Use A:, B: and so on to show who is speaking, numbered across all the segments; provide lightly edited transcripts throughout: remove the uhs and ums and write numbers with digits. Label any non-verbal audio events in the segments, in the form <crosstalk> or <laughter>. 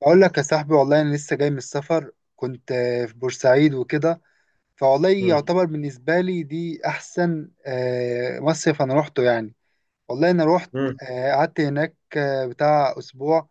A: بقول لك يا صاحبي، والله انا لسه جاي من السفر، كنت في بورسعيد وكده. فوالله
B: مم.
A: يعتبر بالنسبه لي دي احسن مصيف انا روحته يعني. والله انا روحت،
B: مم.
A: قعدت هناك بتاع اسبوع.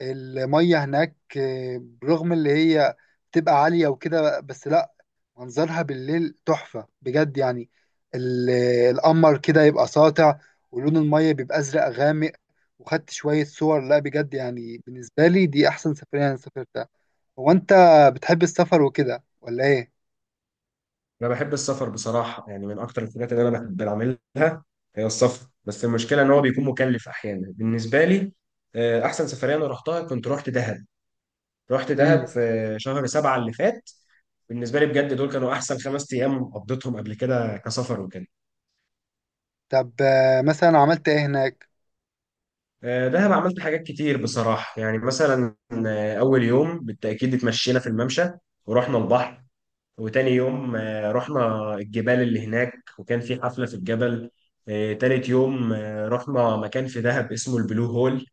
A: المية هناك برغم اللي هي بتبقى عالية وكده، بس لا، منظرها بالليل تحفة بجد يعني. ال- القمر كده يبقى ساطع، ولون المية بيبقى أزرق غامق، وخدت شوية صور. لا بجد يعني، بالنسبة لي دي أحسن سفرية أنا سافرتها. هو أنت بتحب السفر وكده ولا إيه؟
B: انا بحب السفر بصراحه، يعني من اكتر الحاجات اللي انا بحب اعملها هي السفر، بس المشكله ان هو بيكون مكلف احيانا بالنسبه لي. احسن سفريه انا رحتها كنت رحت دهب. رحت دهب
A: مم.
B: في شهر سبعة اللي فات. بالنسبه لي بجد دول كانوا احسن 5 ايام قضيتهم قبل كده كسفر وكده.
A: طب مثلا عملت إيه هناك؟
B: دهب عملت حاجات كتير بصراحه، يعني مثلا اول يوم بالتاكيد اتمشينا في الممشى ورحنا البحر. وتاني يوم رحنا الجبال اللي هناك وكان في حفلة في الجبل. تالت يوم رحنا مكان في دهب اسمه البلو هول.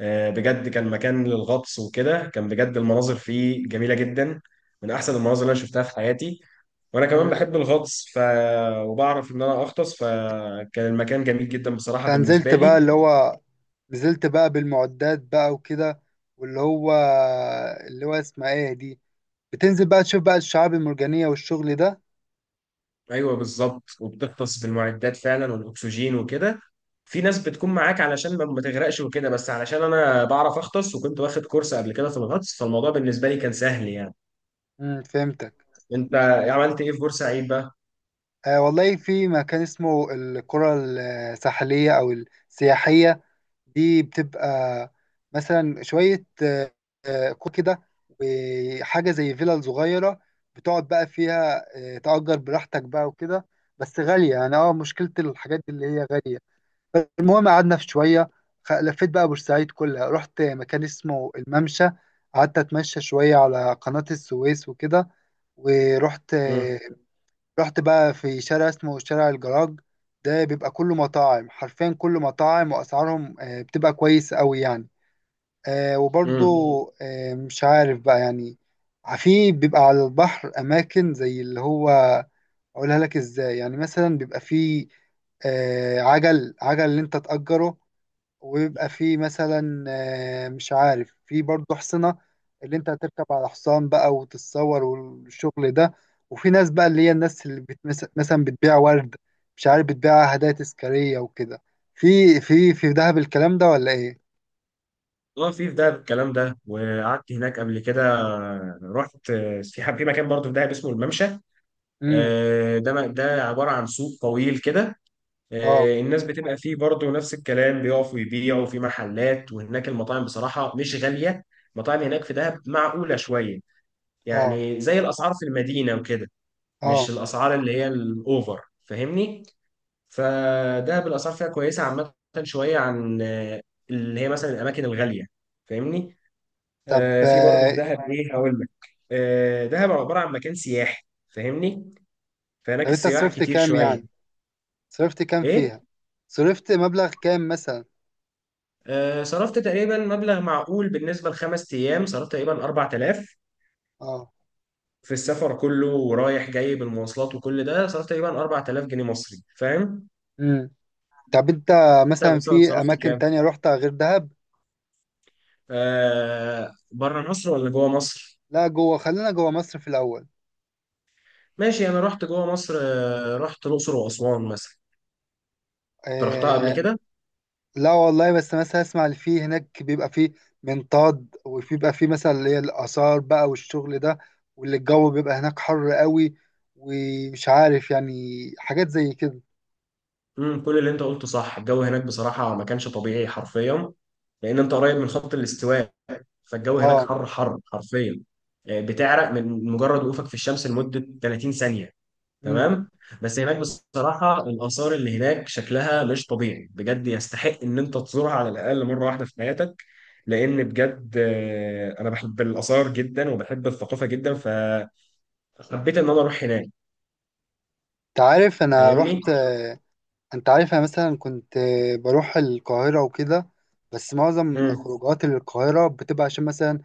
B: بجد كان مكان للغطس وكده، كان بجد المناظر فيه جميلة جدا. من أحسن المناظر اللي أنا شفتها في حياتي، وأنا كمان
A: مم.
B: بحب الغطس وبعرف إن أنا أغطس، فكان المكان جميل جدا بصراحة
A: أنت نزلت
B: بالنسبة لي.
A: بقى اللي هو، نزلت بقى بالمعدات بقى وكده، واللي هو اللي هو اسمها ايه دي؟ بتنزل بقى تشوف بقى الشعاب المرجانية والشغل ده.
B: ايوه بالظبط، وبتغطس بالمعدات فعلا والاكسجين وكده. في ناس بتكون معاك علشان ما تغرقش وكده، بس علشان انا بعرف اغطس وكنت واخد كورس قبل كده في الغطس، فالموضوع بالنسبه لي كان سهل يعني.
A: فهمتك.
B: انت عملت ايه في بورسعيد بقى؟
A: والله في مكان اسمه القرى الساحلية، أو السياحية، دي بتبقى مثلا شوية قرى كده، وحاجة زي فيلا صغيرة بتقعد بقى فيها، تأجر براحتك بقى وكده. بس غالية يعني، مشكلة الحاجات دي اللي هي غالية. المهم قعدنا في شوية. لفيت بقى كلها، يعني، مكان اسمه الممشى، شوية على إيه، رحت رحت شارع، ده بيبقى كله مطاعم، حرفيا كله مطاعم، وأسعارهم بتبقى كويس قوي يعني. وبرضو
B: امم.
A: مش عارف بقى يعني، في بيبقى على البحر أماكن زي اللي هو، أقولها لك إزاي، يعني مثلا بيبقى فيه عجل عجل اللي أنت تأجره، ويبقى في مثلا مش عارف، في برضه حصنة، اللي انت هتركب على حصان بقى وتتصور والشغل ده. وفي ناس بقى اللي هي الناس اللي مثلا بتبيع ورد، مش عارف، بتبيع هدايا تذكارية وكده. في في دهب الكلام ده ولا ايه؟
B: اه، في دهب الكلام ده. وقعدت هناك قبل كده، رحت في مكان برضه في دهب اسمه الممشى.
A: امم.
B: ده عباره عن سوق طويل كده.
A: اه.
B: الناس بتبقى فيه برضه نفس الكلام، بيقفوا يبيعوا في محلات، وهناك المطاعم بصراحة مش غالية. المطاعم هناك في دهب معقولة شوية،
A: اه.
B: يعني زي الأسعار في المدينة وكده، مش
A: اه.
B: الأسعار اللي هي الأوفر، فاهمني. فدهب الأسعار فيها كويسة عامة، شوية عن اللي هي مثلا الأماكن الغالية، فاهمني.
A: طب
B: في برضه
A: آه،
B: في دهب إيه هقول لك. دهب عبارة عن مكان سياحي، فاهمني. فهناك
A: طب انت
B: السياح
A: صرفت
B: كتير
A: كام
B: شوية.
A: يعني؟ صرفت كام
B: إيه.
A: فيها؟ صرفت مبلغ كام مثلا؟
B: صرفت تقريبا مبلغ معقول بالنسبة لخمس أيام، صرفت تقريبا 4000
A: اه.
B: في السفر كله، ورايح جاي بالمواصلات وكل ده صرفت تقريبا 4000 جنيه مصري، فاهم؟
A: امم. طب انت
B: أنت
A: مثلا،
B: مثلا
A: في
B: صرفت
A: اماكن
B: كام؟
A: تانية رحتها غير دهب؟
B: بره مصر ولا جوه مصر؟
A: لا، جوه، خلينا جوه مصر في الأول.
B: ماشي، أنا رحت جوه مصر. رحت الأقصر وأسوان مثلا. أنت رحتها قبل
A: آه
B: كده؟
A: لا والله، بس مثلا اسمع، اللي فيه هناك بيبقى فيه منطاد، وبيبقى فيه مثلا اللي هي الآثار بقى والشغل ده، واللي الجو بيبقى هناك حر قوي، ومش عارف يعني، حاجات زي كده.
B: كل اللي أنت قلته صح. الجو هناك بصراحة ما كانش طبيعي حرفيا، لأن أنت قريب من خط الاستواء، فالجو هناك
A: اه.
B: حر حر حرفيا. يعني بتعرق من مجرد وقوفك في الشمس لمدة 30 ثانية،
A: امم.
B: تمام. بس هناك بصراحة الآثار اللي هناك شكلها مش طبيعي بجد، يستحق إن أنت تزورها على الأقل مرة واحدة في حياتك، لأن بجد أنا بحب الآثار جدا وبحب الثقافة جدا، فحبيت إن أنا أروح هناك،
A: انت عارف انا
B: فاهمني؟
A: رحت آه، انت عارف، انا مثلا كنت بروح القاهرة وكده. بس معظم
B: مم.
A: خروجات القاهرة بتبقى عشان مثلا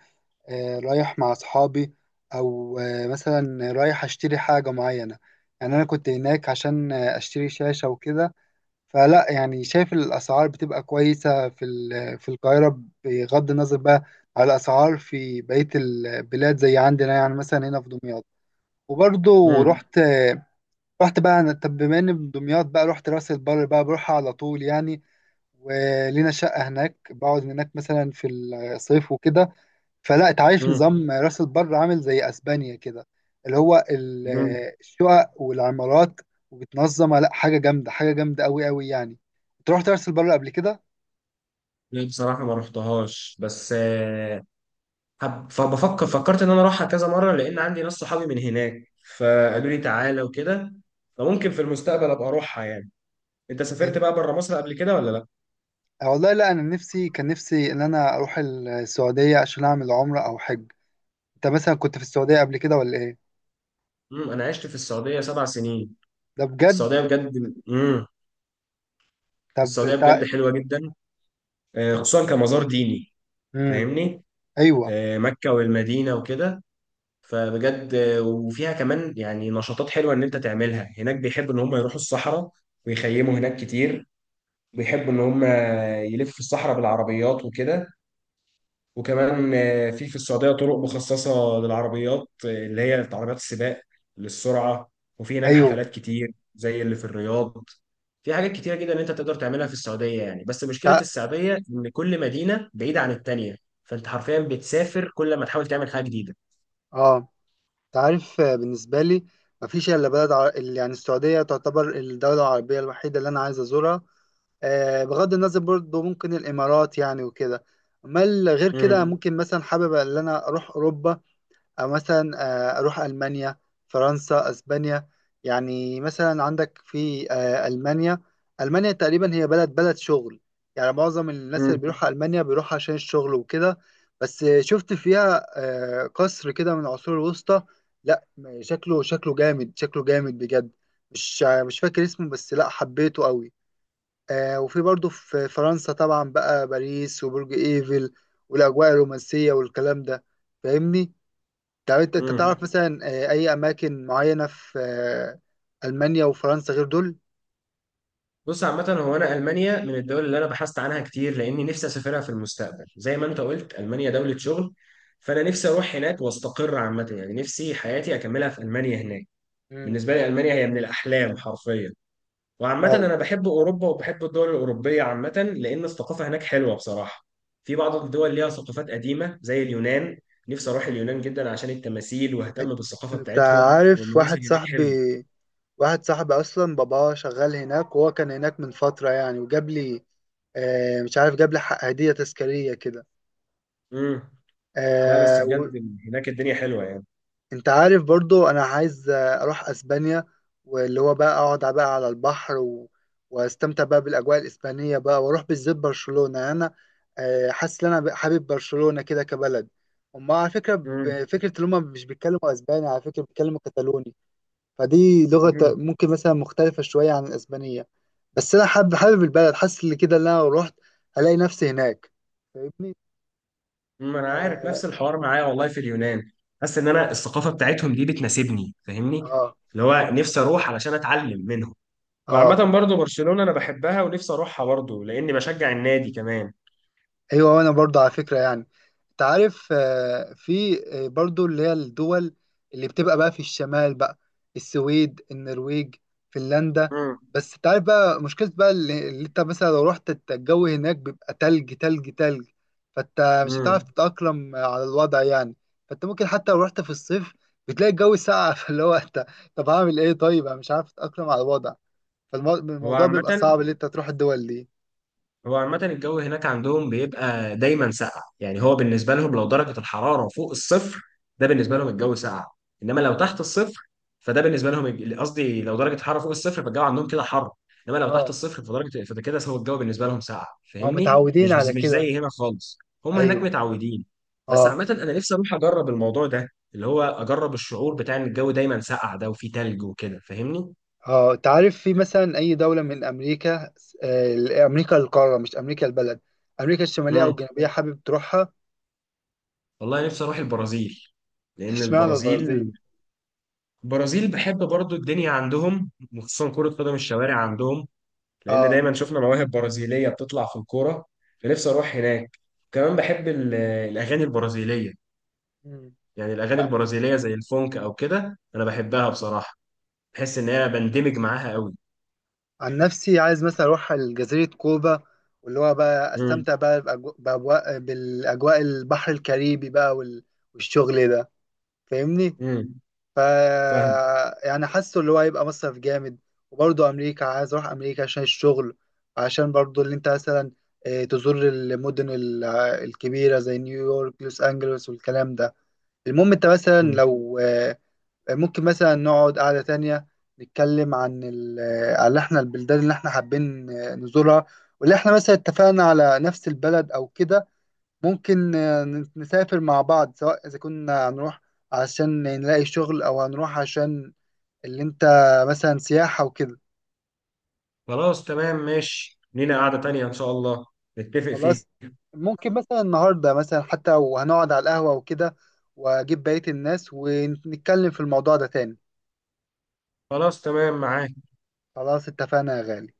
A: رايح مع أصحابي، أو مثلا رايح أشتري حاجة معينة. يعني أنا كنت هناك عشان أشتري شاشة وكده. فلا يعني، شايف الأسعار بتبقى كويسة في في القاهرة، بغض النظر بقى على الأسعار في بقية البلاد زي عندنا، يعني مثلا هنا في دمياط. وبرضه
B: مم.
A: رحت بقى أنا، طب بما إني من دمياط بقى، رحت راس البر بقى، بروح على طول يعني. ولينا شقة هناك، بقعد هناك مثلا في الصيف وكده. فلا، انت عارف،
B: مم.
A: نظام راس البر عامل زي اسبانيا كده، اللي هو
B: مم.
A: الشقق والعمارات، وبتنظمها، لا حاجه جامده حاجه جامده قوي قوي يعني. انت رحت راس البر قبل كده؟
B: لا بصراحة ما رحتهاش، بس آه، حب- فبفكر فكرت ان انا اروحها كذا مره، لان عندي ناس صحابي من هناك فقالوا لي تعالى وكده، فممكن في المستقبل ابقى اروحها يعني. انت سافرت
A: انت
B: بقى بره مصر قبل كده ولا لا؟
A: والله لا، انا نفسي كان نفسي ان انا اروح السعوديه عشان اعمل عمره او حج. انت مثلا كنت في السعوديه قبل كده ولا ايه؟
B: انا عشت في السعوديه 7 سنين.
A: ده بجد؟
B: السعوديه بجد.
A: طب
B: السعوديه بجد حلوه جدا. خصوصا كمزار ديني،
A: امم.
B: فاهمني.
A: ايوه.
B: مكه والمدينه وكده. فبجد وفيها كمان يعني نشاطات حلوه ان انت تعملها هناك. بيحبوا ان هم يروحوا الصحراء ويخيموا هناك كتير. بيحبوا ان هم يلفوا الصحراء بالعربيات وكده. وكمان في السعودية طرق مخصصة للعربيات، اللي هي عربيات السباق للسرعة. وفي هناك
A: ايوه.
B: حفلات كتير زي اللي في الرياض. في حاجات كتيرة جدا انت تقدر تعملها في السعودية يعني، بس مشكلة
A: تع...
B: السعودية ان كل مدينة بعيدة عن التانية. فانت حرفيا بتسافر كل ما تحاول تعمل حاجة جديدة.
A: اه. تعرف بالنسبة لي مفيش إلا يعني السعودية تعتبر الدولة العربية الوحيدة اللي أنا عايز أزورها. بغض النظر برضه ممكن الإمارات يعني وكده. أمال غير كده،
B: امم.
A: ممكن مثلا حابب إن أنا أروح أوروبا، أو مثلا أروح ألمانيا، فرنسا، أسبانيا. يعني مثلا عندك في ألمانيا. ألمانيا تقريبا هي بلد شغل، يعني معظم الناس اللي بيروحوا ألمانيا بيروحوا عشان الشغل وكده. بس شفت فيها قصر كده من العصور الوسطى. لا، شكله جامد، شكله جامد بجد. مش فاكر اسمه، بس لا حبيته قوي. وفي برضه في فرنسا طبعا بقى باريس وبرج إيفل، والأجواء الرومانسية والكلام ده، فاهمني. طب انت
B: امم
A: تعرف مثلا اي اماكن معينه في المانيا وفرنسا غير دول؟
B: بص، عامة هو أنا ألمانيا من الدول اللي أنا بحثت عنها كتير، لأني نفسي أسافرها في المستقبل زي ما أنت قلت، ألمانيا دولة شغل، فأنا نفسي أروح هناك وأستقر عامة، يعني نفسي حياتي أكملها في ألمانيا هناك.
A: مم.
B: بالنسبة لي ألمانيا هي من الأحلام حرفيا. وعامة
A: اه.
B: أنا بحب أوروبا وبحب الدول الأوروبية عامة، لأن الثقافة هناك حلوة بصراحة. في بعض الدول ليها ثقافات قديمة زي اليونان، نفسي أروح اليونان جدا عشان التماثيل،
A: انت
B: وأهتم بالثقافة
A: انت
B: بتاعتهم،
A: عارف،
B: والمناظر هناك حلوة.
A: واحد صاحبي اصلا باباه شغال هناك، وهو كان هناك من فتره يعني، وجاب لي مش عارف، جاب لي هديه تذكاريه كده.
B: مم. لا بس بجد هناك الدنيا حلوة يعني.
A: انت عارف، برضو انا عايز اروح اسبانيا، واللي هو بقى اقعد بقى على البحر واستمتع بقى بالاجواء الاسبانيه بقى، واروح بالذات برشلونه. يعني انا حاسس ان انا حابب برشلونه كده كبلد. هم على فكره، فكره ان هم مش بيتكلموا اسباني على فكره، بيتكلموا كتالوني، فدي لغه
B: مم.
A: ممكن مثلا مختلفه شويه عن الاسبانيه. بس انا حابب البلد، حاسس ان كده ان انا لو رحت هلاقي نفسي هناك، فاهمني.
B: ما انا عارف،
A: اه.
B: نفس الحوار معايا والله في اليونان. حاسس ان انا الثقافه بتاعتهم دي بتناسبني، فاهمني.
A: اه.
B: اللي هو نفسي اروح علشان اتعلم منهم.
A: آه.
B: وعامه برضو برشلونه انا بحبها ونفسي اروحها برضو لاني بشجع النادي كمان.
A: ايوه، وانا برضو على فكره يعني. انت عارف في برضو اللي هي الدول اللي بتبقى بقى في الشمال بقى، السويد، النرويج، فنلندا.
B: امم.
A: بس انت عارف بقى، مشكله بقى، اللي انت مثلا لو رحت، الجو هناك بيبقى تلج تلج تلج، فانت مش هتعرف
B: امم
A: تتاقلم على الوضع يعني. فانت ممكن حتى لو رحت في الصيف، بتلاقي الجو ساقع. <laughs> فاللي هو انت، طب هعمل ايه، طيب انا مش عارف اتاقلم على الوضع،
B: هو
A: فالموضوع
B: عامه
A: بيبقى صعب اللي انت تروح الدول دي.
B: هو عامة الجو هناك عندهم بيبقى دايما ساقع، يعني هو بالنسبة لهم لو درجة الحرارة فوق الصفر، ده بالنسبة لهم الجو ساقع. إنما لو تحت الصفر، فده بالنسبة لهم قصدي لو درجة الحرارة فوق الصفر فالجو عندهم كده حر. إنما لو تحت
A: اه،
B: الصفر فده كده هو الجو بالنسبة لهم ساقع،
A: ما هم
B: فاهمني؟
A: متعودين على
B: مش
A: كده.
B: زي هنا خالص. هم هناك
A: ايوه.
B: متعودين. بس
A: اه.
B: عامة أنا نفسي أروح أجرب الموضوع ده، اللي هو أجرب الشعور بتاع إن الجو دايما ساقع ده وفيه تلج وكده، فاهمني؟
A: اه. انت عارف، في مثلا اي دوله من امريكا، امريكا القاره مش امريكا البلد، امريكا الشماليه او
B: امم
A: الجنوبيه، حابب تروحها؟
B: والله نفسي أروح البرازيل.
A: <laughs>
B: لأن
A: اشمعنى البرازيل؟
B: البرازيل بحب برضو الدنيا عندهم، وخصوصا كرة قدم الشوارع عندهم، لأن
A: اه.
B: دايما شفنا مواهب برازيلية بتطلع في الكورة، فنفسي أروح هناك. كمان بحب الأغاني البرازيلية.
A: مم.
B: يعني الأغاني البرازيلية زي الفونك أو كده أنا بحبها بصراحة، بحس إن أنا بندمج معاها قوي.
A: عن نفسي عايز مثلا اروح على جزيره كوبا، واللي هو بقى
B: امم.
A: استمتع بقى بأجو- بأجواء بالاجواء البحر الكاريبي بقى والشغل ده، فاهمني.
B: امم.
A: ف
B: فاهم.
A: يعني حاسه اللي هو هيبقى مصرف جامد. وبرضه امريكا، عايز اروح امريكا عشان الشغل، عشان برضه اللي انت مثلا تزور المدن الكبيره زي نيويورك، لوس انجلوس، والكلام ده. المهم انت مثلا
B: مم.
A: لو ممكن مثلا نقعد قعده تانية، نتكلم عن على احنا البلدان اللي احنا حابين نزورها، واللي احنا مثلا اتفقنا على نفس البلد او كده، ممكن نسافر مع بعض، سواء إذا كنا هنروح عشان نلاقي شغل، أو هنروح عشان اللي أنت مثلا سياحة وكده.
B: خلاص تمام ماشي، لينا قعدة تانية إن شاء الله نتفق فيها.
A: خلاص، ممكن مثلا النهاردة مثلا حتى، وهنقعد على القهوة وكده، وأجيب بقية الناس ونتكلم في الموضوع ده تاني.
B: خلاص تمام معاك.
A: خلاص اتفقنا يا غالي.